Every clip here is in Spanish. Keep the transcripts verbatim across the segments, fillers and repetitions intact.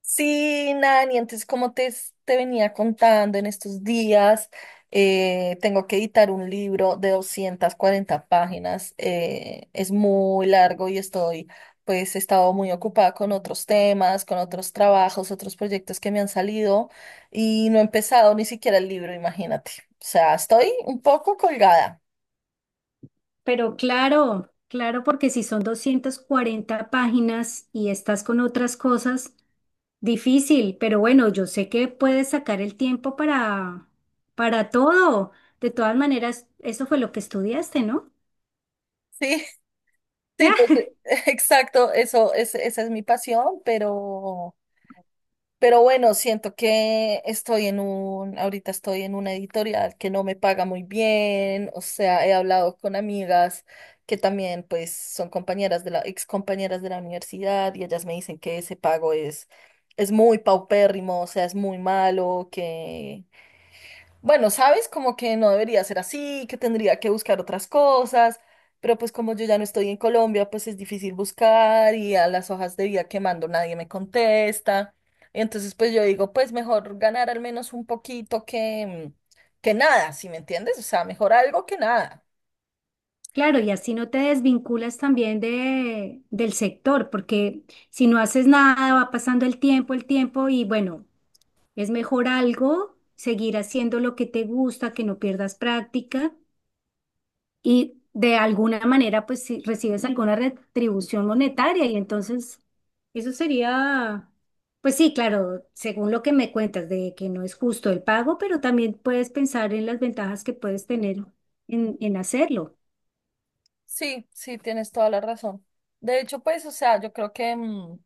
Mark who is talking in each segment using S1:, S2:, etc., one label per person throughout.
S1: Sí, Nani, entonces como te, s- te venía contando en estos días, eh, tengo que editar un libro de doscientas cuarenta páginas, eh, es muy largo y estoy, pues he estado muy ocupada con otros temas, con otros trabajos, otros proyectos que me han salido y no he empezado ni siquiera el libro, imagínate. O sea, estoy un poco colgada.
S2: Pero claro, claro, porque si son doscientas cuarenta páginas y estás con otras cosas, difícil, pero bueno, yo sé que puedes sacar el tiempo para, para todo. De todas maneras, eso fue lo que estudiaste, ¿no?
S1: Sí, sí, pues
S2: Ah,
S1: eh, exacto, eso, es, esa es mi pasión, pero... Pero bueno, siento que estoy en un, ahorita estoy en una editorial que no me paga muy bien. O sea, he hablado con amigas que también pues son compañeras de la, ex compañeras de la universidad, y ellas me dicen que ese pago es, es muy paupérrimo. O sea, es muy malo, que bueno, sabes, como que no debería ser así, que tendría que buscar otras cosas, pero pues como yo ya no estoy en Colombia, pues es difícil buscar, y a las hojas de vida que mando nadie me contesta. Entonces, pues yo digo, pues mejor ganar al menos un poquito que, mm, que nada, ¿si me entiendes? O sea, mejor algo que nada.
S2: claro, y así no te desvinculas también de, del sector, porque si no haces nada, va pasando el tiempo, el tiempo, y bueno, es mejor algo, seguir haciendo lo que te gusta, que no pierdas práctica. Y de alguna manera pues si recibes alguna retribución monetaria y entonces eso sería, pues sí, claro, según lo que me cuentas de que no es justo el pago, pero también puedes pensar en las ventajas que puedes tener en, en hacerlo.
S1: Sí, sí, tienes toda la razón. De hecho, pues, o sea, yo creo que mm,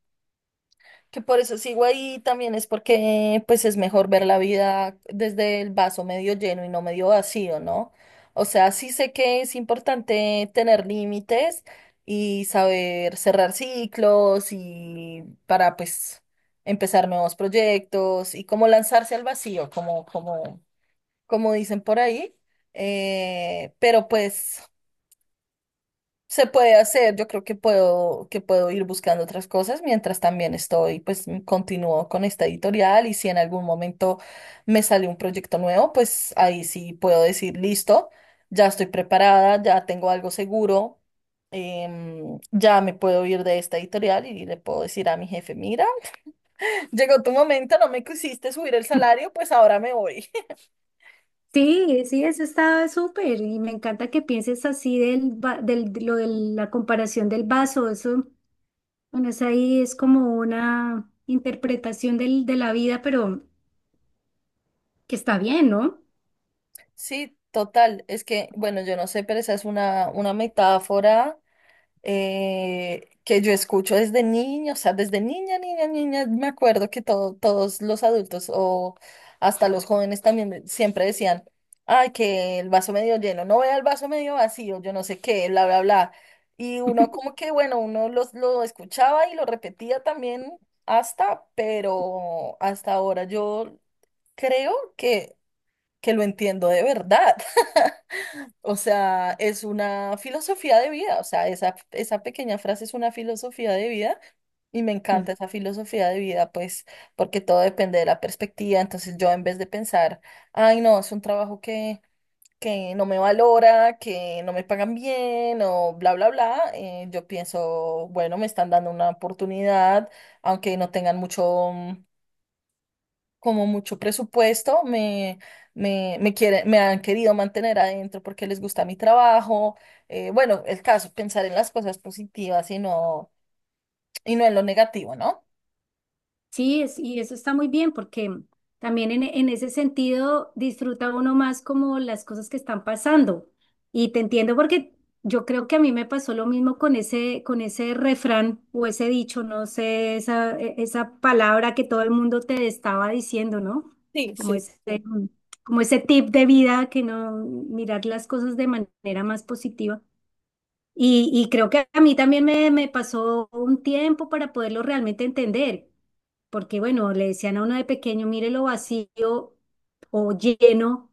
S1: que por eso sigo ahí también es porque pues es mejor ver la vida desde el vaso medio lleno y no medio vacío, ¿no? O sea, sí sé que es importante tener límites y saber cerrar ciclos y para pues empezar nuevos proyectos y como lanzarse al vacío, como, como, como dicen por ahí. Eh, pero pues se puede hacer. Yo creo que puedo, que puedo ir buscando otras cosas mientras también estoy, pues m- continúo con esta editorial, y si en algún momento me sale un proyecto nuevo, pues ahí sí puedo decir, listo, ya estoy preparada, ya tengo algo seguro. Em, ya me puedo ir de esta editorial y le puedo decir a mi jefe, mira, llegó tu momento, no me quisiste subir el salario, pues ahora me voy.
S2: Sí, sí, eso está súper y me encanta que pienses así del, va- del, de lo de la comparación del vaso, eso, bueno, es ahí es como una interpretación del, de la vida, pero que está bien, ¿no?
S1: Sí, total, es que, bueno, yo no sé, pero esa es una, una metáfora. Eh, que yo escucho desde niña. O sea, desde niña, niña, niña, me acuerdo que todo- todos los adultos o hasta los jóvenes también me- siempre decían, ay, que el vaso medio lleno, no vea el vaso medio vacío, yo no sé qué, bla, bla, bla. Y uno como que, bueno, uno los, lo escuchaba y lo repetía también hasta, pero hasta ahora yo creo que, que lo entiendo de verdad. O sea, es una filosofía de vida. O sea, esa, esa pequeña frase es una filosofía de vida, y me encanta esa filosofía de vida, pues, porque todo depende de la perspectiva. Entonces yo en vez de pensar, ay, no, es un trabajo que, que no me valora, que no me pagan bien o bla, bla, bla, eh, yo pienso, bueno, me están dando una oportunidad, aunque no tengan mucho como mucho presupuesto, me, me, me quiere- me han querido mantener adentro porque les gusta mi trabajo. Eh, bueno, el caso, pensar en las cosas positivas y no, y no en lo negativo, ¿no?
S2: Sí, es, y eso está muy bien porque también en, en ese sentido disfruta uno más como las cosas que están pasando. Y te entiendo porque yo creo que a mí me pasó lo mismo con ese, con ese refrán o ese dicho, no sé, esa, e- esa palabra que todo el mundo te estaba diciendo, ¿no?
S1: Sí,
S2: Como
S1: sí, sí,
S2: ese,
S1: sí.
S2: como ese tip de vida que no mirar las cosas de manera más positiva. Y, y creo que a mí también me, me pasó un tiempo para poderlo realmente entender, porque bueno, le decían a uno de pequeño, mire lo vacío o lleno,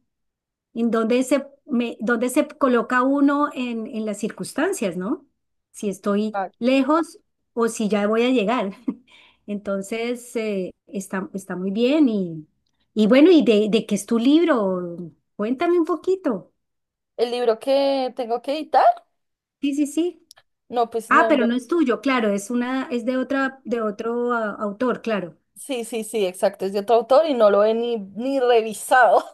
S2: en donde se, me, dónde se coloca uno en, en las circunstancias, ¿no? Si estoy
S1: Ah,
S2: lejos o si ya voy a llegar. Entonces, eh, está, está muy bien y, y bueno, ¿y de, de qué es tu libro? Cuéntame un poquito.
S1: el libro que tengo que editar,
S2: Sí, sí, sí.
S1: no, pues
S2: Ah,
S1: no,
S2: pero no
S1: lo-
S2: es tuyo, claro, es una, es de otra, de otro ah, autor, claro.
S1: sí, sí, sí, exacto, es de otro autor y no lo he ni, ni revisado.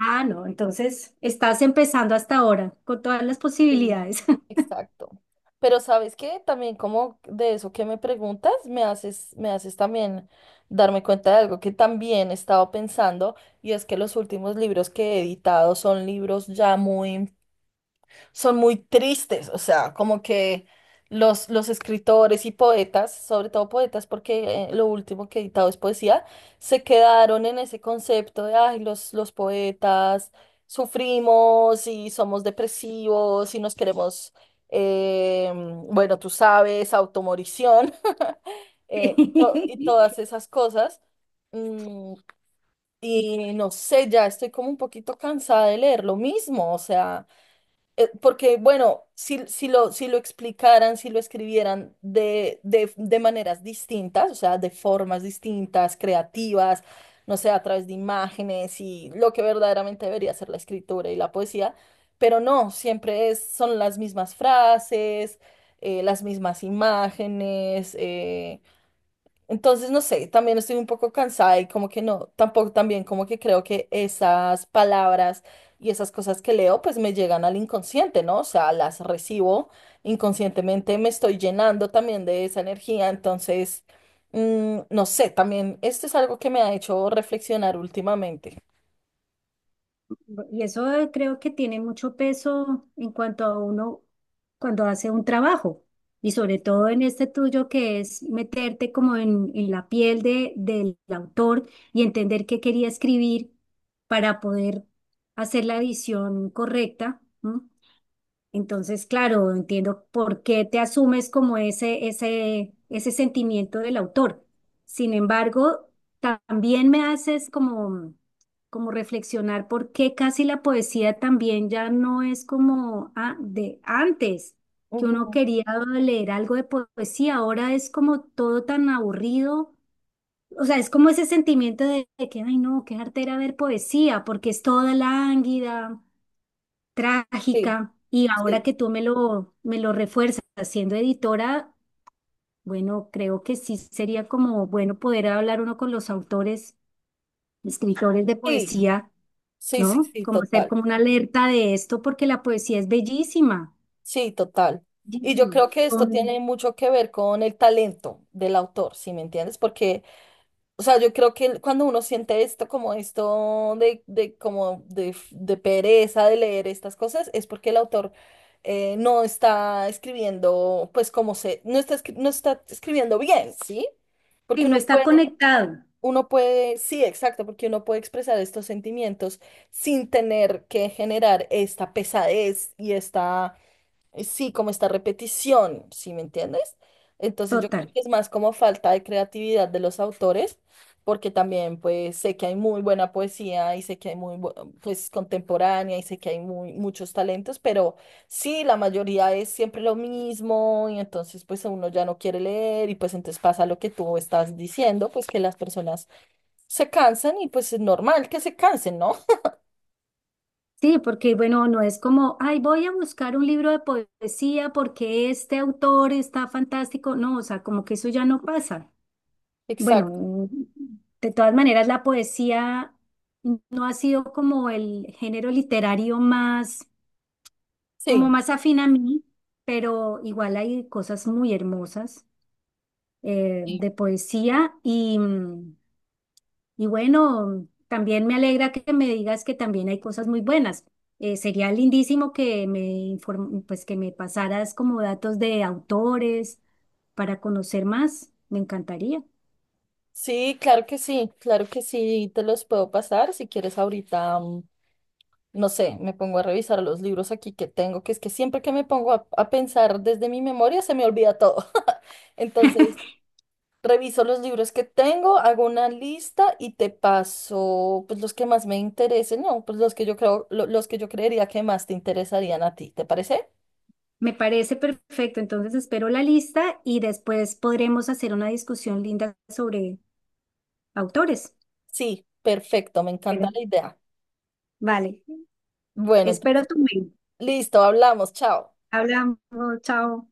S2: Ah, no, entonces estás empezando hasta ahora con todas las
S1: Sí,
S2: posibilidades.
S1: exacto. Pero sabes que también como de eso que me preguntas, me haces, me haces también darme cuenta de algo que también he estado pensando. Y es que los últimos libros que he editado son libros ya muy son muy tristes. O sea, como que los, los escritores y poetas, sobre todo poetas, porque eh, lo último que he editado es poesía, se quedaron en ese concepto de, ay, los, los poetas sufrimos y somos depresivos y nos queremos, eh, bueno, tú sabes, automorición eh, y, to- y todas
S2: Sí.
S1: esas cosas. Mm, y no sé, ya estoy como un poquito cansada de leer lo mismo. O sea, eh, porque, bueno, si, si lo, si lo explicaran, si lo escribieran de, de, de maneras distintas, o sea, de formas distintas, creativas, no sé, a través de imágenes y lo que verdaderamente debería ser la escritura y la poesía, pero no, siempre es, son las mismas frases, eh, las mismas imágenes. Eh, entonces, no sé, también estoy un poco cansada y como que no, tampoco también como que creo que esas palabras y esas cosas que leo pues me llegan al inconsciente, ¿no? O sea, las recibo inconscientemente, me estoy llenando también de esa energía. Entonces, mm, no sé, también esto es algo que me ha hecho reflexionar últimamente.
S2: Y eso eh, creo que tiene mucho peso en cuanto a uno cuando hace un trabajo. Y sobre todo en este tuyo que es meterte como en, en la piel de, del autor y entender qué quería escribir para poder hacer la edición correcta, ¿no? Entonces, claro, entiendo por qué te asumes como ese, ese, ese sentimiento del autor. Sin embargo, también me haces como, como reflexionar por qué casi la poesía también ya no es como a- de antes, que uno
S1: Ujú,
S2: quería leer algo de poesía, ahora es como todo tan aburrido. O sea, es como ese sentimiento de, de que, ay, no, qué arte era ver poesía, porque es toda lánguida
S1: sí,
S2: trágica y ahora
S1: sí,
S2: que tú me lo, me lo refuerzas siendo editora, bueno, creo que sí sería como bueno poder hablar uno con los autores, escritores de
S1: sí,
S2: poesía,
S1: sí, sí,
S2: ¿no?
S1: sí,
S2: Como hacer
S1: total,
S2: como una alerta de esto porque la poesía es bellísima,
S1: sí, total. Y yo
S2: bellísima.
S1: creo que esto tiene
S2: Son,
S1: mucho que ver con el talento del autor, ¿sí me entiendes? Porque o sea, yo creo que cuando uno siente esto, como esto de, de, como de, f- de pereza de leer estas cosas, es porque el autor eh, no está escribiendo, pues como se, no está, escri- no está escribiendo bien, ¿sí? Porque
S2: y no
S1: uno
S2: está
S1: puede,
S2: conectado,
S1: uno puede, sí, exacto, porque uno puede expresar estos sentimientos sin tener que generar esta pesadez y esta eh, sí, como esta repetición, ¿sí me entiendes? Entonces yo creo
S2: total.
S1: que es más como falta de creatividad de los autores, porque también pues sé que hay muy buena poesía y sé que hay muy bu- pues contemporánea, y sé que hay muy muchos talentos, pero sí, la mayoría es siempre lo mismo, y entonces pues uno ya no quiere leer, y pues entonces pasa lo que tú estás diciendo, pues que las personas se cansan, y pues es normal que se cansen, ¿no?
S2: Sí, porque bueno, no es como, ay, voy a buscar un libro de poesía porque este autor está fantástico. No, o sea, como que eso ya no pasa. Bueno,
S1: Exacto,
S2: mm, de todas maneras, la poesía no ha sido como el género literario más,
S1: sí.
S2: como más afín a mí, pero igual hay cosas muy hermosas eh, de poesía y, mm, y bueno, también me alegra que me digas que también hay cosas muy buenas. Eh, sería lindísimo que me inform- pues que me pasaras como datos de autores para conocer más. Me encantaría.
S1: Sí, claro que sí, claro que sí, te los puedo pasar. Si quieres ahorita, mm, no sé, me pongo a revisar los libros aquí que tengo, que es que siempre que me pongo a, a pensar desde mi memoria se me olvida todo. Entonces, reviso los libros que tengo, hago una lista y te paso pues los que más me interesen, no, pues los que yo creo, lo- los que yo creería que más te interesarían a ti, ¿te parece?
S2: Me parece perfecto, entonces espero la lista y después podremos hacer una discusión linda sobre autores.
S1: Sí, perfecto, me
S2: Bueno,
S1: encanta la idea.
S2: vale,
S1: Bueno,
S2: espero
S1: entonces,
S2: tu mail.
S1: listo, hablamos, chao.
S2: Hablamos, chao.